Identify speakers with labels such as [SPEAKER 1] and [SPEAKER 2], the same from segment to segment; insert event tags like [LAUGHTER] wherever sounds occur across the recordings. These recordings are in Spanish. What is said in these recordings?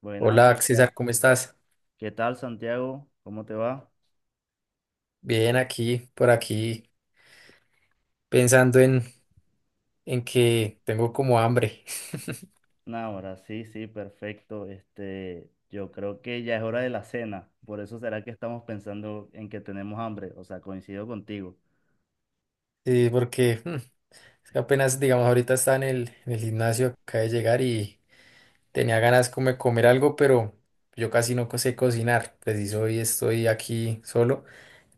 [SPEAKER 1] Buenas,
[SPEAKER 2] Hola,
[SPEAKER 1] Santiago.
[SPEAKER 2] César, ¿cómo estás?
[SPEAKER 1] ¿Qué tal, Santiago? ¿Cómo te va?
[SPEAKER 2] Bien, aquí, por aquí, pensando en que tengo como hambre. [LAUGHS]
[SPEAKER 1] Nah, ahora sí, sí, perfecto. Yo creo que ya es hora de la cena. Por eso será que estamos pensando en que tenemos hambre. O sea, coincido contigo.
[SPEAKER 2] Sí, porque es que apenas, digamos, ahorita estaba en el gimnasio, acabé de llegar y tenía ganas como de comer algo, pero yo casi no sé cocinar. Preciso hoy estoy aquí solo,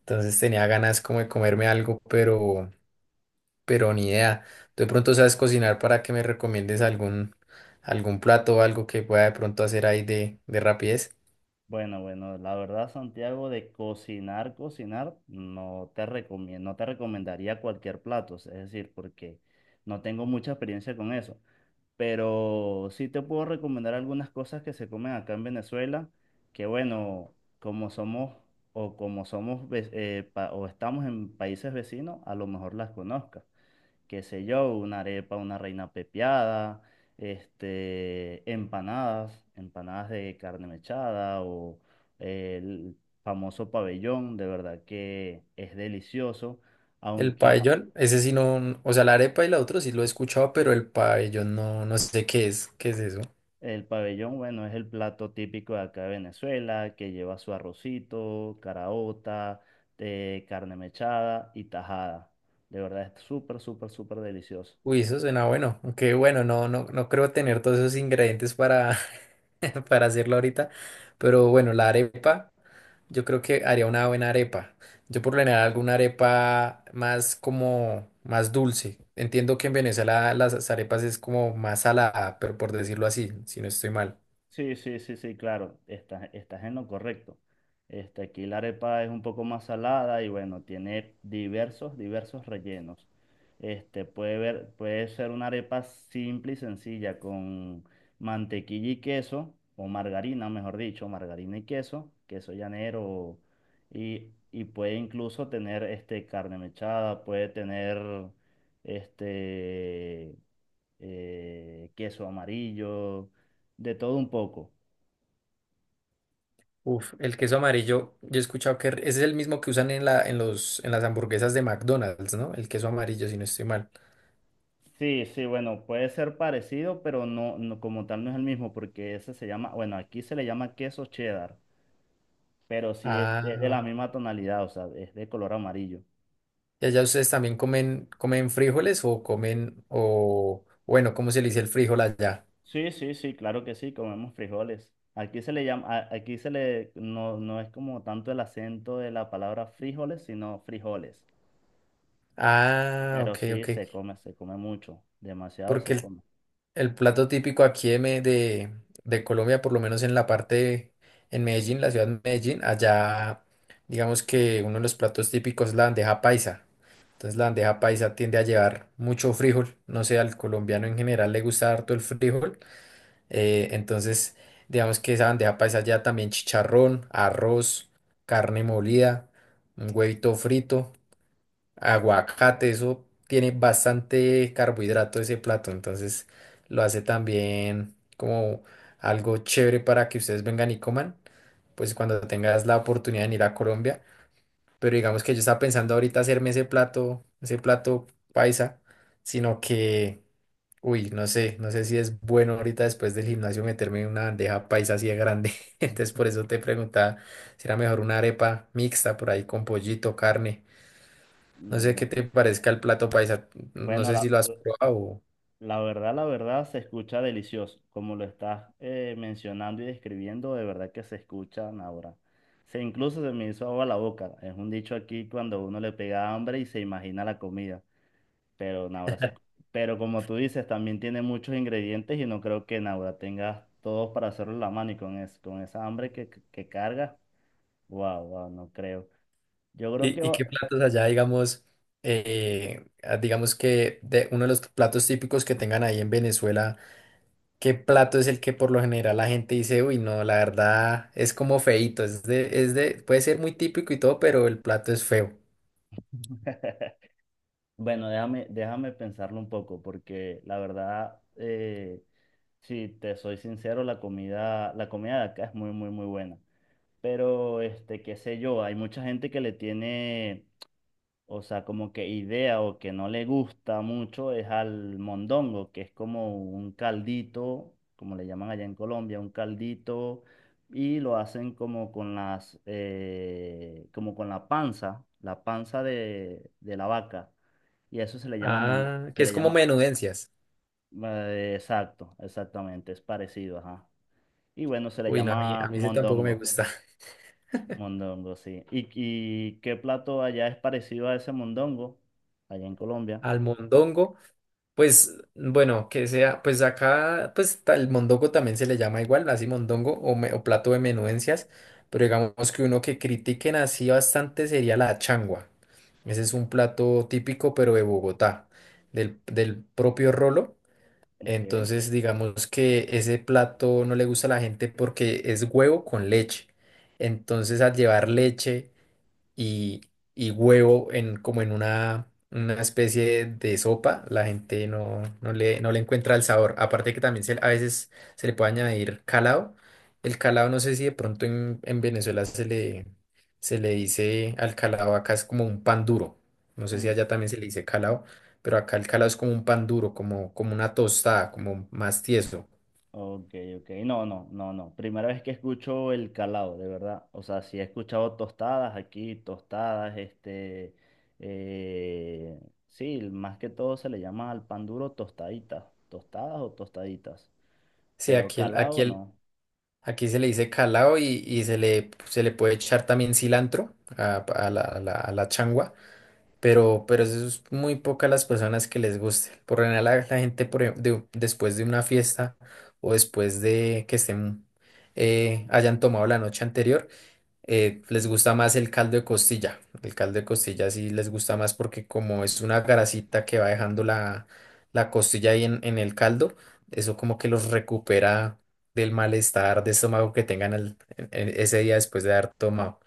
[SPEAKER 2] entonces tenía ganas como de comerme algo, pero ni idea. ¿Tú de pronto sabes cocinar para que me recomiendes algún plato o algo que pueda de pronto hacer ahí de rapidez?
[SPEAKER 1] Bueno, bueno, la verdad, Santiago, de cocinar, cocinar, no te recomiendo, no te recomendaría cualquier plato. Es decir, porque no tengo mucha experiencia con eso, pero sí te puedo recomendar algunas cosas que se comen acá en Venezuela, que bueno, como somos o como somos ve- pa- o estamos en países vecinos, a lo mejor las conozcas. Qué sé yo, una arepa, una reina pepiada, empanadas, empanadas de carne mechada o el famoso pabellón, de verdad que es delicioso,
[SPEAKER 2] El
[SPEAKER 1] aunque.
[SPEAKER 2] pabellón, ese sí no, o sea, la arepa y la otra sí lo he escuchado, pero el pabellón no, no sé qué es eso.
[SPEAKER 1] El pabellón, bueno, es el plato típico de acá de Venezuela, que lleva su arrocito, caraota, carne mechada y tajada. De verdad es súper, súper, súper delicioso.
[SPEAKER 2] Uy, eso suena bueno, aunque bueno, no, no, no creo tener todos esos ingredientes para, [LAUGHS] para hacerlo ahorita, pero bueno, la arepa, yo creo que haría una buena arepa. Yo por lo general alguna arepa más como, más dulce. Entiendo que en Venezuela las arepas es como más salada, pero por decirlo así, si no estoy mal.
[SPEAKER 1] Sí, sí, sí, sí, claro, estás, estás en lo correcto. Aquí la arepa es un poco más salada y bueno, tiene diversos, diversos rellenos. Puede ver, puede ser una arepa simple y sencilla con mantequilla y queso, o margarina, mejor dicho, margarina y queso, queso llanero, y puede incluso tener carne mechada, puede tener este, queso amarillo de todo un poco.
[SPEAKER 2] Uf, el queso amarillo, yo he escuchado que ese es el mismo que usan en la, en los, en las hamburguesas de McDonald's, ¿no? El queso amarillo, si no estoy mal.
[SPEAKER 1] Sí, sí, bueno, puede ser parecido, pero no, no como tal no es el mismo, porque ese se llama, bueno, aquí se le llama queso cheddar, pero sí
[SPEAKER 2] Ah,
[SPEAKER 1] es de la
[SPEAKER 2] ok.
[SPEAKER 1] misma tonalidad, o sea, es de color amarillo.
[SPEAKER 2] ¿Y allá ustedes también comen frijoles o comen, o bueno, cómo se le dice el frijol allá?
[SPEAKER 1] Sí, sí, sí, claro que sí, comemos frijoles. Aquí se le llama, aquí se le, no, no es como tanto el acento de la palabra frijoles, sino frijoles.
[SPEAKER 2] Ah,
[SPEAKER 1] Pero
[SPEAKER 2] ok,
[SPEAKER 1] sí,
[SPEAKER 2] ok.
[SPEAKER 1] se come mucho, demasiado
[SPEAKER 2] Porque
[SPEAKER 1] se
[SPEAKER 2] el
[SPEAKER 1] come.
[SPEAKER 2] el plato típico aquí de Colombia, por lo menos en la parte, en Medellín, la ciudad de Medellín, allá digamos que uno de los platos típicos es la bandeja paisa. Entonces la bandeja paisa tiende a llevar mucho frijol. No sé, al colombiano en general le gusta harto el frijol. Entonces digamos que esa bandeja paisa ya también chicharrón, arroz, carne molida, un huevito frito, aguacate, eso tiene bastante carbohidrato ese plato, entonces lo hace también como algo chévere para que ustedes vengan y coman, pues cuando tengas la oportunidad de ir a Colombia, pero digamos que yo estaba pensando ahorita hacerme ese plato paisa, sino que, uy, no sé, si es bueno ahorita después del gimnasio meterme en una bandeja paisa así de grande. [LAUGHS] Entonces por eso te preguntaba si era mejor una arepa mixta por ahí con pollito, carne. No
[SPEAKER 1] Mm,
[SPEAKER 2] sé qué
[SPEAKER 1] no.
[SPEAKER 2] te parezca el plato paisa, no
[SPEAKER 1] Bueno,
[SPEAKER 2] sé si
[SPEAKER 1] la,
[SPEAKER 2] lo has probado.
[SPEAKER 1] La verdad, la verdad, se escucha delicioso. Como lo estás mencionando y describiendo, de verdad que se escuchan ahora. Se incluso se me hizo agua la boca. Es un dicho aquí cuando uno le pega hambre y se imagina la comida. Pero Naura se... escu- Pero como tú dices, también tiene muchos ingredientes y no creo que Naura tengas todos para hacerlo en la mano y con esa hambre que carga. Wow, wow, no creo. Yo creo que...
[SPEAKER 2] ¿Y
[SPEAKER 1] va-
[SPEAKER 2] qué platos allá, digamos, digamos que de uno de los platos típicos que tengan ahí en Venezuela, qué plato es el que por lo general la gente dice, uy, no, la verdad es como feíto, puede ser muy típico y todo, pero el plato es feo.
[SPEAKER 1] [LAUGHS] Bueno, déjame pensarlo un poco porque la verdad... si te soy sincero, la comida de acá es muy, muy, muy buena. Pero, qué sé yo, hay mucha gente que le tiene, o sea, como que idea o que no le gusta mucho es al mondongo, que es como un caldito, como le llaman allá en Colombia, un caldito, y lo hacen como con las, como con la panza de la vaca. Y a eso se le llama,
[SPEAKER 2] Ah, que
[SPEAKER 1] se
[SPEAKER 2] es
[SPEAKER 1] le
[SPEAKER 2] como
[SPEAKER 1] llama,
[SPEAKER 2] menudencias.
[SPEAKER 1] exacto, exactamente, es parecido, ajá. Y bueno, se le
[SPEAKER 2] Uy, no, a mí,
[SPEAKER 1] llama
[SPEAKER 2] a mí ese tampoco me
[SPEAKER 1] mondongo.
[SPEAKER 2] gusta. [LAUGHS]
[SPEAKER 1] Mondongo, sí. Y qué plato allá es parecido a ese mondongo? Allá en Colombia.
[SPEAKER 2] Almondongo. Pues bueno, que sea, pues acá, pues el mondongo también se le llama igual, así mondongo o plato de menudencias, pero digamos que uno que critiquen así bastante sería la changua. Ese es un plato típico, pero de Bogotá, del propio Rolo.
[SPEAKER 1] Ok.
[SPEAKER 2] Entonces, digamos que ese plato no le gusta a la gente porque es huevo con leche. Entonces, al llevar leche y, y huevo en, como en una especie de sopa, la gente no le encuentra el sabor. Aparte que también a veces se le puede añadir calado. El calado no sé si de pronto en Venezuela se le, dice al calado, acá es como un pan duro. No sé si
[SPEAKER 1] un-
[SPEAKER 2] allá también se le dice calado, pero acá el calado es como un pan duro, como una tostada, como más tieso.
[SPEAKER 1] ok, ok. No, no, no, no. Primera vez que escucho el calado, de verdad. O sea, sí he escuchado tostadas aquí, tostadas, eh, sí, más que todo se le llama al pan duro tostaditas. Tostadas o tostaditas.
[SPEAKER 2] Sí,
[SPEAKER 1] Pero calado no.
[SPEAKER 2] aquí se le dice calao y se le puede echar también cilantro a la changua, pero eso es muy pocas las personas que les guste. Por lo general, la gente después de una fiesta o después de que estén, hayan tomado la noche anterior, les gusta más el caldo de costilla. El caldo de costilla sí les gusta más porque como es una grasita que va dejando la costilla ahí en el caldo, eso como que los recupera del malestar de estómago que tengan en ese día después de haber tomado.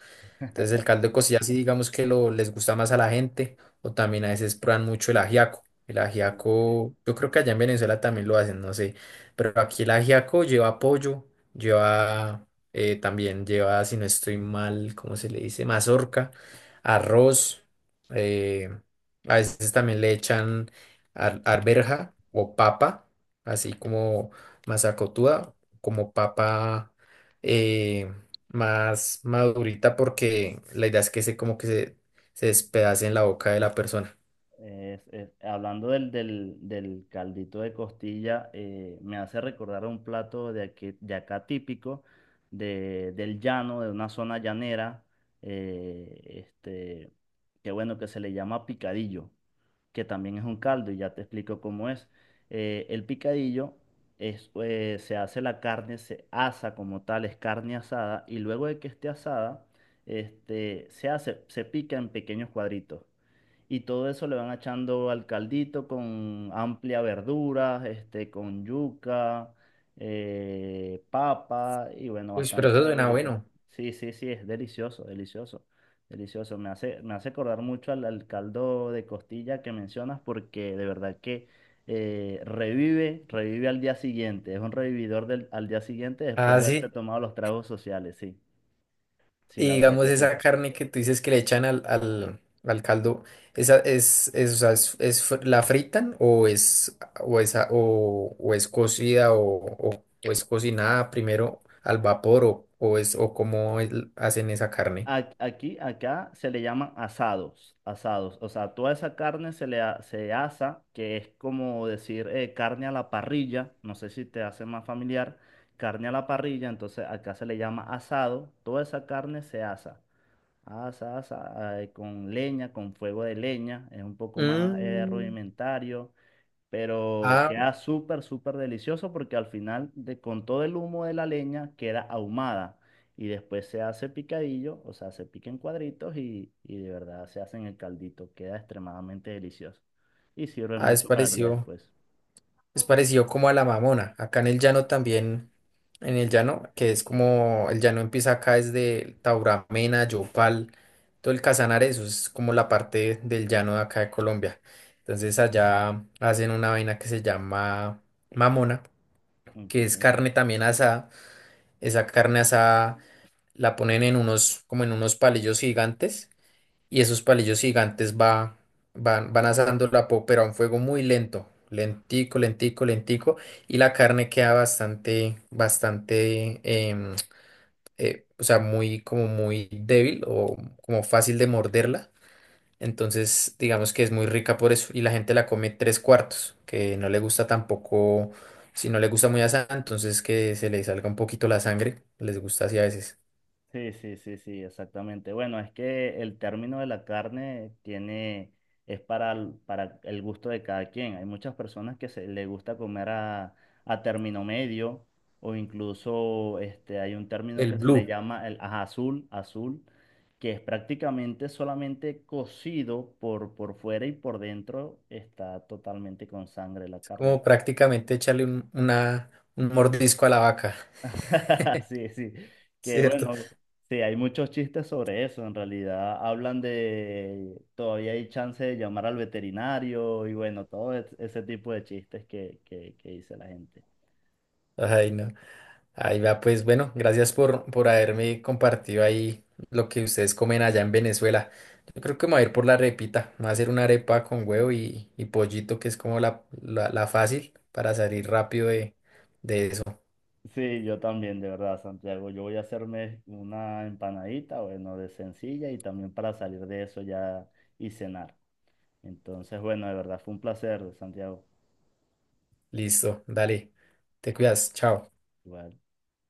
[SPEAKER 2] Entonces el caldo de cocina sí digamos que lo, les gusta más a la gente o también a veces prueban mucho el ajiaco. El
[SPEAKER 1] Ok.
[SPEAKER 2] ajiaco, yo creo que allá en Venezuela también lo hacen, no sé, pero aquí el ajiaco lleva pollo, lleva también lleva, si no estoy mal, ¿cómo se le dice? Mazorca, arroz, eh, a veces también le echan arberja o papa, así como mazacotuda, como papa. eh, más madurita porque la idea es que se como que se despedace en la boca de la persona.
[SPEAKER 1] Hablando del, del, del caldito de costilla, me hace recordar un plato de, de acá típico, de, del llano, de una zona llanera, eh, este, que bueno, que se le llama picadillo, que también es un caldo, y ya te explico cómo es. El picadillo es, se hace la carne, se asa como tal, es carne asada, y luego de que esté asada, se hace, se pica en pequeños cuadritos. Y todo eso le van echando al caldito con amplia verdura, con yuca, papa y bueno,
[SPEAKER 2] Uy, pero
[SPEAKER 1] bastante
[SPEAKER 2] eso suena
[SPEAKER 1] verdurita.
[SPEAKER 2] bueno.
[SPEAKER 1] Sí, sí, sí, es delicioso, delicioso, delicioso. Me hace acordar mucho al, al caldo de costilla que mencionas porque de verdad que revive, revive al día siguiente. Es un revividor del, al día siguiente después
[SPEAKER 2] Ah,
[SPEAKER 1] de haberse
[SPEAKER 2] sí.
[SPEAKER 1] tomado los tragos sociales, sí. Sí, la
[SPEAKER 2] Y
[SPEAKER 1] verdad
[SPEAKER 2] digamos
[SPEAKER 1] que sí.
[SPEAKER 2] esa carne que tú dices que le echan al caldo, esa es, o sea, la fritan, o es o es cocida, o, o es cocinada primero al vapor, o cómo hacen esa carne.
[SPEAKER 1] Aquí, acá se le llaman asados, asados. O sea, toda esa carne se le se asa, que es como decir carne a la parrilla. No sé si te hace más familiar. Carne a la parrilla, entonces acá se le llama asado. Toda esa carne se asa. Asa, asa, con leña, con fuego de leña. Es un poco más
[SPEAKER 2] Mm.
[SPEAKER 1] rudimentario, pero
[SPEAKER 2] Ah,
[SPEAKER 1] queda súper, súper delicioso porque al final, con todo el humo de la leña, queda ahumada y después se hace picadillo, o sea, se pica en cuadritos y de verdad se hace en el caldito, queda extremadamente delicioso y sirve
[SPEAKER 2] ah, es
[SPEAKER 1] mucho para el día
[SPEAKER 2] parecido.
[SPEAKER 1] después.
[SPEAKER 2] Es parecido como a la Mamona. Acá en el llano también, en el llano, que es como, el llano empieza acá desde Tauramena, Yopal, todo el Casanare, eso es como la parte del llano de acá de Colombia. Entonces allá hacen una vaina que se llama Mamona,
[SPEAKER 1] Ok.
[SPEAKER 2] que es carne también asada. Esa carne asada la ponen en unos, como en unos palillos gigantes y esos palillos gigantes van asando la pop, pero a un fuego muy lento, lentico, lentico, lentico, y la carne queda bastante, bastante, em, o sea, muy, como muy débil o como fácil de morderla. Entonces, digamos que es muy rica por eso, y la gente la come tres cuartos, que no le gusta tampoco, si no le gusta muy asada, entonces que se le salga un poquito la sangre, les gusta así a veces.
[SPEAKER 1] Sí, sí, sí, sí, exactamente. Bueno, es que el término de la carne tiene, es para, para el gusto de cada quien. Hay muchas personas que se le gusta comer a término medio, o incluso hay un término
[SPEAKER 2] El
[SPEAKER 1] que se le
[SPEAKER 2] blue.
[SPEAKER 1] llama el ajá, azul, azul, que es prácticamente solamente cocido por fuera y por dentro está totalmente con sangre la carne.
[SPEAKER 2] Como prácticamente echarle un, una, un mordisco a la vaca. [LAUGHS]
[SPEAKER 1] [LAUGHS] Sí, sí, que
[SPEAKER 2] ¿Cierto?
[SPEAKER 1] bueno, sí, hay muchos chistes sobre eso, en realidad hablan de, todavía hay chance de llamar al veterinario y bueno, ese tipo de chistes que dice la gente.
[SPEAKER 2] Ay, no. Ahí va, pues bueno, gracias por haberme compartido ahí lo que ustedes comen allá en Venezuela. Yo creo que me voy a ir por la repita, me voy a hacer una arepa con huevo y pollito, que es como la fácil para salir rápido de eso.
[SPEAKER 1] Sí, yo también, de verdad, Santiago, yo voy a hacerme una empanadita, bueno, de sencilla y también para salir de eso ya y cenar. Entonces, bueno, de verdad fue un placer, Santiago.
[SPEAKER 2] Listo, dale, te cuidas, chao.
[SPEAKER 1] Igual.